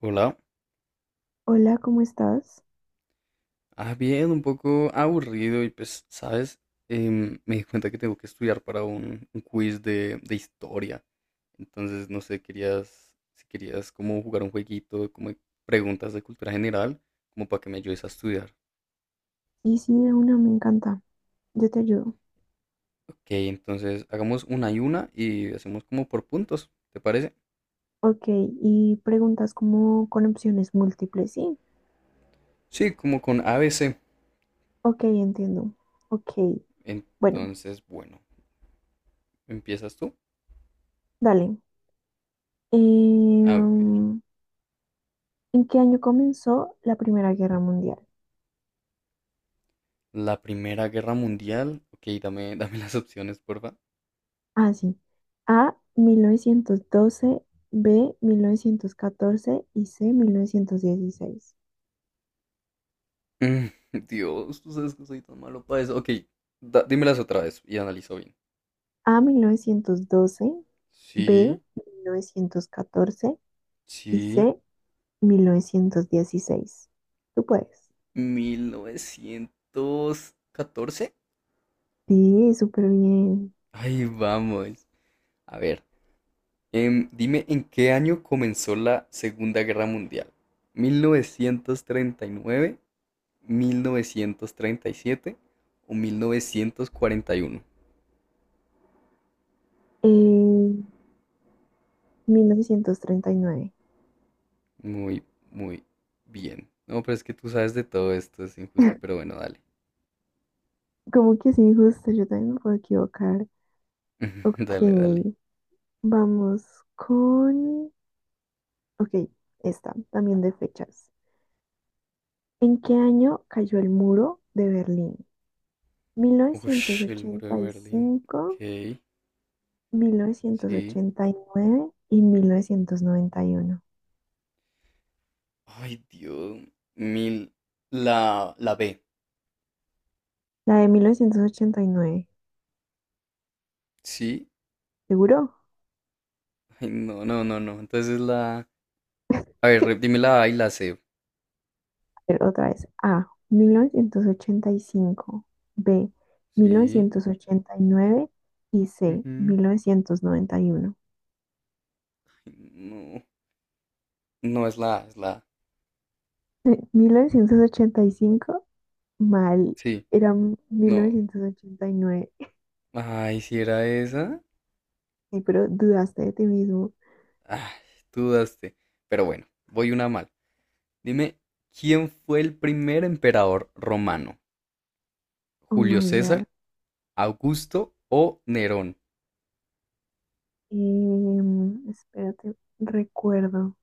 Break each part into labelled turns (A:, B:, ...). A: Hola.
B: Hola, ¿cómo estás?
A: Ah, bien, un poco aburrido y pues, ¿sabes? Me di cuenta que tengo que estudiar para un quiz de historia. Entonces, no sé, si querías como jugar un jueguito, como de preguntas de cultura general, como para que me ayudes a estudiar.
B: Y sí, de una me encanta. Yo te ayudo.
A: Ok, entonces hagamos una y hacemos como por puntos, ¿te parece?
B: Ok, y preguntas como con opciones múltiples, ¿sí?
A: Sí, como con A B C.
B: Ok, entiendo. Ok, bueno,
A: Entonces, bueno, ¿empiezas tú?
B: dale. Eh,
A: A ver,
B: um, ¿En qué año comenzó la Primera Guerra Mundial?
A: la Primera Guerra Mundial. Ok, dame, dame las opciones, porfa.
B: Ah, sí. A, 1912, B, 1914 y C, 1916.
A: Mm, Dios, tú sabes que soy tan malo para eso. Ok, dímelas otra vez y analizo bien.
B: A, 1912, B,
A: Sí,
B: 1914 y
A: sí.
B: C, mil novecientos dieciséis. Tú puedes.
A: 1914.
B: Sí, súper bien.
A: Ahí vamos. A ver, dime en qué año comenzó la Segunda Guerra Mundial. Mil novecientos treinta y nueve, 1937 o 1941.
B: Eh, mil novecientos treinta y nueve.
A: Muy, muy bien. No, pero es que tú sabes de todo esto, es injusto, pero bueno, dale.
B: Como que es injusto, yo también me puedo equivocar. Ok,
A: Dale, dale.
B: vamos con... Ok, esta, también de fechas. ¿En qué año cayó el muro de Berlín? Mil novecientos
A: Ush, el muro de
B: ochenta y
A: Merlín. Ok,
B: cinco, mil novecientos
A: sí.
B: ochenta y nueve, noventa y uno.
A: Ay, Dios. Mil. La B.
B: La de mil novecientos ochenta y nueve.
A: Sí.
B: ¿Seguro?
A: Ay, no, no, no, no. Entonces la. A ver, dime la A y la C.
B: Ver, otra vez. A, mil novecientos ochenta y cinco, B, mil
A: Sí.
B: novecientos ochenta y nueve y C,
A: Ujú.
B: 1991.
A: Ay, no. No es la A, es la A.
B: 1985 mal.
A: Sí.
B: Era
A: No.
B: 1989.
A: Ay, si era esa.
B: Ay, pero dudaste de ti mismo.
A: Ay, dudaste. Pero bueno, voy una mal. Dime, ¿quién fue el primer emperador romano?
B: Oh my
A: ¿Julio
B: God.
A: César, Augusto o Nerón?
B: Espérate, recuerdo.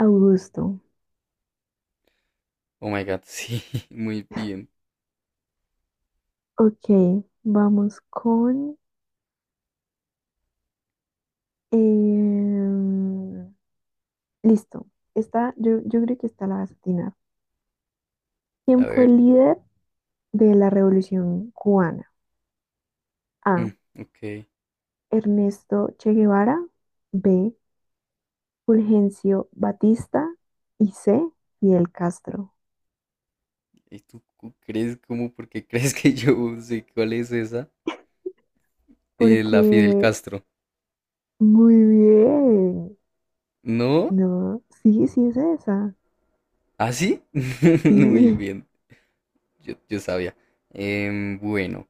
B: Augusto.
A: Oh my God, sí, muy bien.
B: Ok, vamos con... em, listo. Esta, yo creo que esta la vas a atinar. ¿Quién
A: A
B: fue
A: ver,
B: el líder de la Revolución cubana?
A: mm,
B: A,
A: ok.
B: Ernesto Che Guevara. B, Fulgencio Batista. Y C, Fidel Castro.
A: ¿Y tú crees cómo? ¿Por qué crees que yo sé cuál es esa?
B: Porque
A: La Fidel Castro.
B: muy bien.
A: ¿No?
B: No, sí, sí es esa.
A: ¿Ah, sí? Muy
B: Sí.
A: bien, yo sabía. Bueno,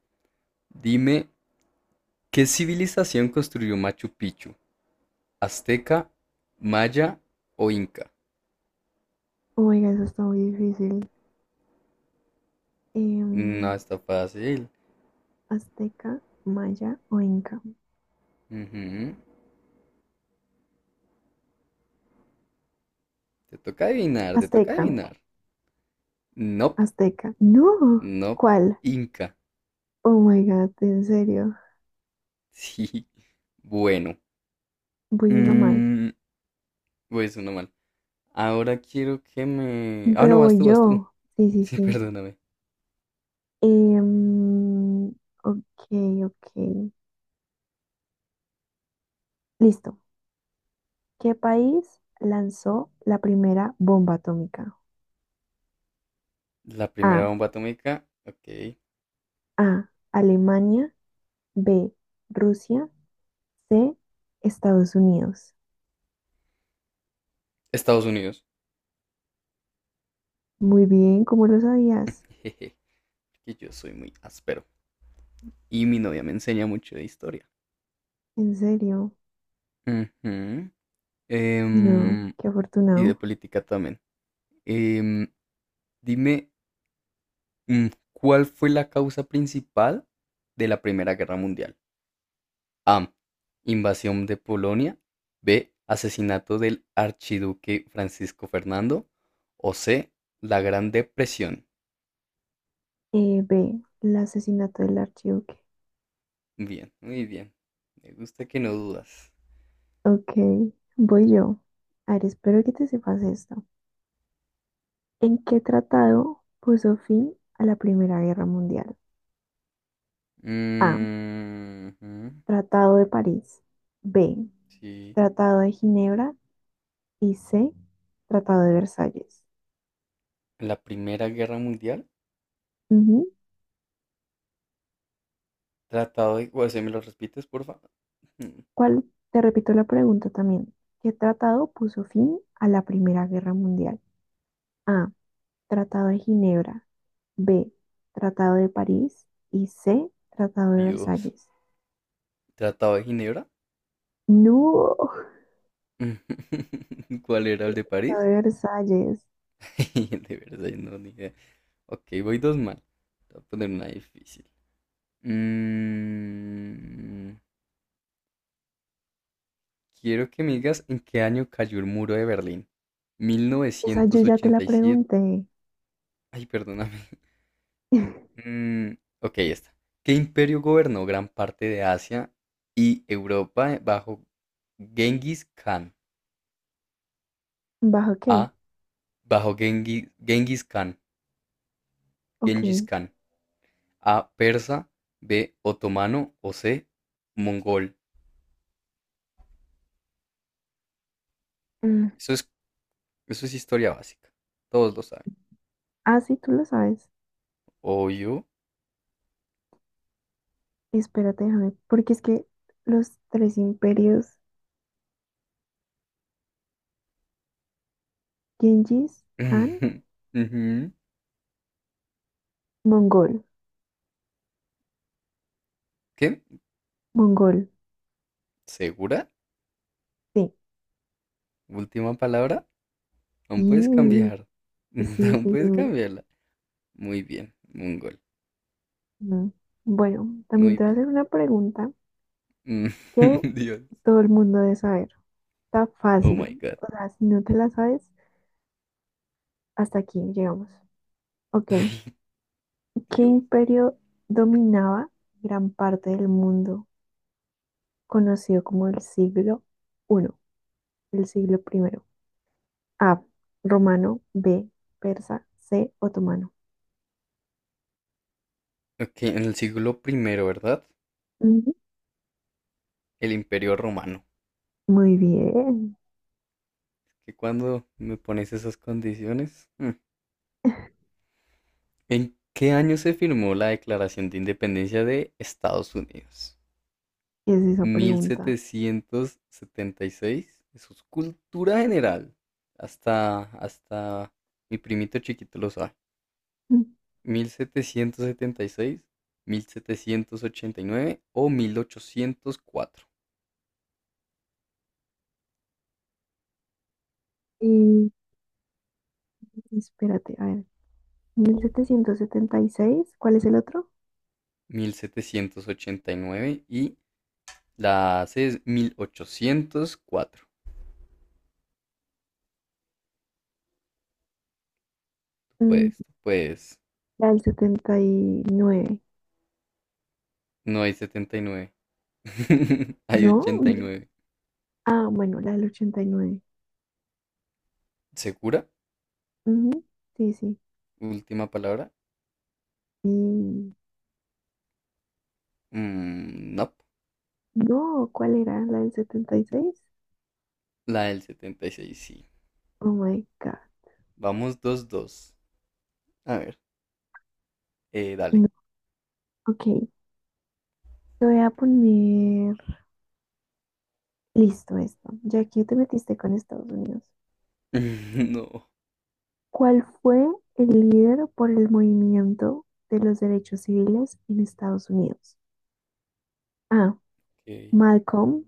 A: dime, ¿qué civilización construyó Machu Picchu? ¿Azteca, Maya o Inca?
B: Oh my god, eso está muy difícil.
A: No,
B: Em,
A: está fácil.
B: Azteca, Maya o Inca.
A: Ujú. Te toca adivinar, te toca
B: Azteca,
A: adivinar. Nope,
B: Azteca. No.
A: nope,
B: ¿Cuál?
A: Inca.
B: Oh my God, en serio.
A: Sí. Bueno,
B: Voy una mal.
A: Mm, pues uno mal. Ahora quiero que me... Ah, no,
B: Pero
A: vas
B: voy
A: tú, vas tú.
B: yo. Sí, sí,
A: Sí,
B: sí.
A: perdóname.
B: Em, ok, ok. Listo. ¿Qué país lanzó la primera bomba atómica?
A: La primera
B: A.
A: bomba atómica, ok.
B: A, Alemania. B, Rusia. C, Estados Unidos.
A: Estados Unidos.
B: Muy bien, ¿cómo lo sabías?
A: Jeje, que yo soy muy áspero. Y mi novia me enseña mucho de historia.
B: ¿En serio?
A: Ujú.
B: No,
A: Em,
B: qué
A: y de
B: afortunado.
A: política también. Em, dime, mm, ¿cuál fue la causa principal de la Primera Guerra Mundial? A. Invasión de Polonia. B. Asesinato del archiduque Francisco Fernando. O C. La Gran Depresión.
B: B. El asesinato del archiduque.
A: Bien, muy bien. Me gusta que no dudas.
B: Ok, voy yo. A ver, espero que te sepas esto. ¿En qué tratado puso fin a la Primera Guerra Mundial? A,
A: Mm, ujú,
B: Tratado de París. B,
A: sí.
B: Tratado de Ginebra. Y C, Tratado de Versalles.
A: La Primera Guerra Mundial.
B: Ujú.
A: O sea, ¿me lo repites, porfa? Mm,
B: ¿Cuál? Te repito la pregunta también. ¿Qué tratado puso fin a la Primera Guerra Mundial? A, Tratado de Ginebra. B, Tratado de París. Y C, Tratado de
A: Dios.
B: Versalles.
A: ¿Tratado de Ginebra?
B: No,
A: ¿Cuál era el de
B: Tratado
A: París?
B: de Versalles.
A: De verdad, no, ni idea. Ok, voy dos mal. Te voy a poner una difícil. Mm, quiero que me digas en qué año cayó el muro de Berlín.
B: Esa yo ya te la
A: 1987.
B: pregunté.
A: Ay, perdóname. Mm, ok, ya está. ¿Qué imperio gobernó gran parte de Asia y Europa bajo Genghis Khan?
B: ¿Bajo qué?
A: A. Bajo Genghis, Genghis Khan. Genghis
B: Ok.
A: Khan. A. Persa. B. Otomano. O C. Mongol.
B: Mm,
A: Eso es, eso es historia básica. Todos lo saben.
B: ah, sí, tú lo sabes.
A: Obvio.
B: Espérate, déjame, porque es que los tres imperios, Genghis, Han,
A: Ujú.
B: Mongol,
A: ¿Qué?
B: Mongol,
A: ¿Segura?
B: sí.
A: Última palabra. Aún puedes
B: Y
A: cambiar.
B: sí,
A: Aún
B: estoy
A: puedes
B: seguro.
A: cambiarla. Muy bien, un gol.
B: No. Bueno, también
A: Muy
B: te voy a
A: bien.
B: hacer una pregunta
A: Mm,
B: que
A: Dios.
B: todo el mundo debe saber. Está
A: Oh
B: fácil.
A: my God.
B: O sea, si no te la sabes, hasta aquí llegamos. Ok,
A: Ay,
B: ¿qué
A: Dios.
B: imperio dominaba gran parte del mundo conocido como el siglo I, el siglo primero? A, romano, B, persa, C, otomano.
A: Ok, en el siglo primero, ¿verdad?
B: Ujú.
A: El Imperio Romano.
B: Muy bien.
A: ¿Que cuando me pones esas condiciones? Mm. ¿En qué año se firmó la Declaración de Independencia de Estados Unidos?
B: ¿Qué es esa pregunta?
A: 1776. Eso es cultura general. Hasta mi primito chiquito lo sabe. Mil setecientos setenta y seis, 1789 o mil ochocientos cuatro.
B: Mm. Y espérate, a ver. Mil setecientos setenta y seis, ¿cuál es el otro?
A: 1789 y la C es 1804.
B: Mm,
A: Pues, pues,
B: la del setenta y nueve.
A: no hay 79. Hay
B: ¿No?
A: ochenta y
B: Mm.
A: nueve
B: Ah, bueno, la del 89.
A: ¿Segura?
B: Ujú, sí, sí.
A: Última palabra.
B: Y
A: Mm, no.
B: no, ¿cuál era? ¿La del setenta y seis?
A: La del 76 sí.
B: Oh my God.
A: Vamos 2-2. A ver. Dale.
B: No. Ok, te voy a poner listo esto, ya que te metiste con Estados Unidos.
A: No.
B: ¿Cuál fue el líder por el movimiento de los derechos civiles en Estados Unidos? A,
A: Ok.
B: Malcolm.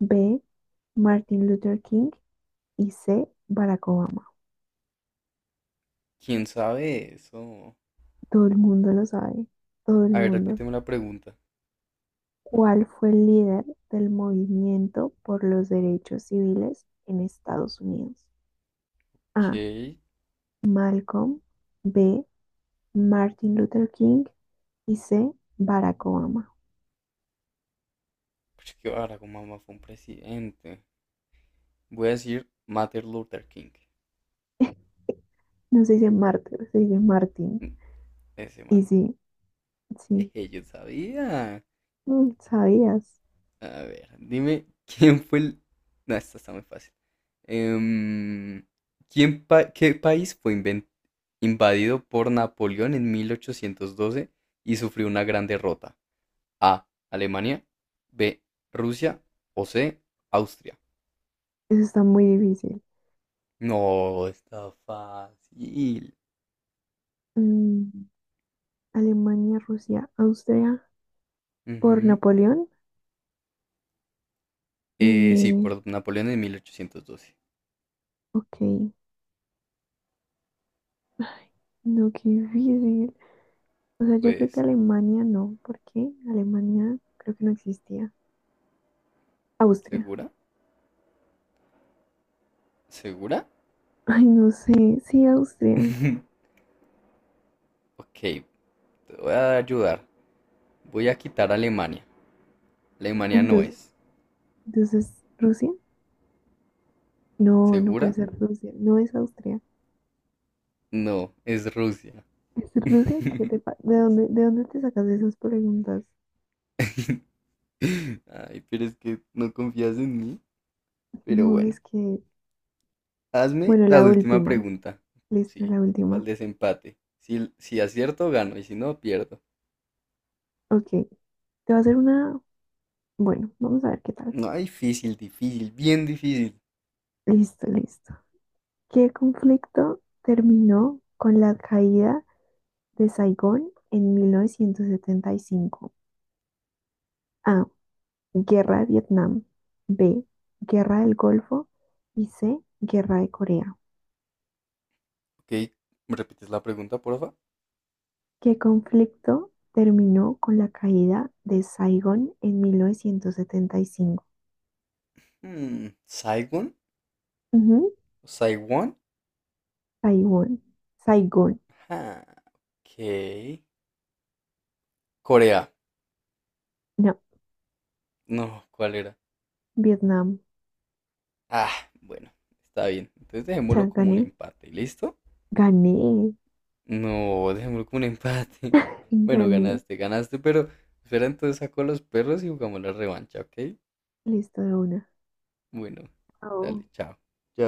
B: B, Martin Luther King. Y C, Barack Obama.
A: ¿Quién sabe eso?
B: Todo el mundo lo sabe. Todo el
A: A ver,
B: mundo.
A: repíteme la pregunta.
B: ¿Cuál fue el líder del movimiento por los derechos civiles en Estados Unidos?
A: Ok.
B: A, Malcolm. B, Martin Luther King. Y C, Barack Obama.
A: Pues que ahora como mamá fue un presidente. Voy a decir Martin Luther King.
B: No se dice Martin, se dice Martin.
A: Mm, ese
B: Y
A: man.
B: sí, sí,
A: Jeje, yo sabía.
B: mm, sabías.
A: A ver, dime quién fue el. No, esta está muy fácil. Em, ¿Qué país fue invadido por Napoleón en 1812 y sufrió una gran derrota? A. Alemania. B. Rusia. O C. Austria.
B: Eso está muy difícil.
A: No, está fácil.
B: Mm, Alemania, Rusia, Austria por
A: Ujú.
B: Napoleón.
A: Sí,
B: Eh,
A: por Napoleón en 1812.
B: ok. Ay, no, qué difícil. O
A: Tú
B: sea, yo creo que
A: puedes.
B: Alemania no, porque Alemania creo que no existía. Austria.
A: ¿Segura? ¿Segura?
B: Ay, no sé. Sí, Austria.
A: Ok, te voy a ayudar. Voy a quitar Alemania. Alemania no
B: Entonces,
A: es.
B: entonces Rusia. No, no puede
A: ¿Segura?
B: ser Rusia. No es Austria.
A: No, es Rusia.
B: ¿Es Rusia? ¿Qué te pa- de dónde te sacas esas preguntas?
A: Ay, pero es que no confías en mí. Pero
B: No, es
A: bueno.
B: que...
A: Hazme
B: Bueno,
A: la
B: la
A: última
B: última.
A: pregunta.
B: Listo,
A: Sí,
B: la
A: para el
B: última.
A: desempate. Si acierto, gano y si no, pierdo.
B: Ok, te va a hacer una... Bueno, vamos a ver qué tal.
A: No, difícil, difícil, bien difícil.
B: Listo, listo. ¿Qué conflicto terminó con la caída de Saigón en 1975? A, Guerra de Vietnam. B, Guerra del Golfo. Y C, Guerra de Corea.
A: Ok, ¿me repites la pregunta, porfa?
B: ¿Qué conflicto terminó con la caída de Saigón en 1975?
A: ¿Saigon?
B: Ujú,
A: ¿Saiwon?
B: Saigón. Saigón.
A: Ajá, ok. Corea.
B: No,
A: No, ¿cuál era?
B: Vietnam.
A: Ah, bueno, está bien. Entonces
B: O sea,
A: dejémoslo como un
B: gané.
A: empate, ¿listo?
B: Gané,
A: No, dejémoslo como un empate. Bueno,
B: gané.
A: ganaste, ganaste, pero espera entonces saco a los perros y jugamos la revancha, ¿ok?
B: Listo de una.
A: Bueno,
B: Oh.
A: dale, chao. Chao.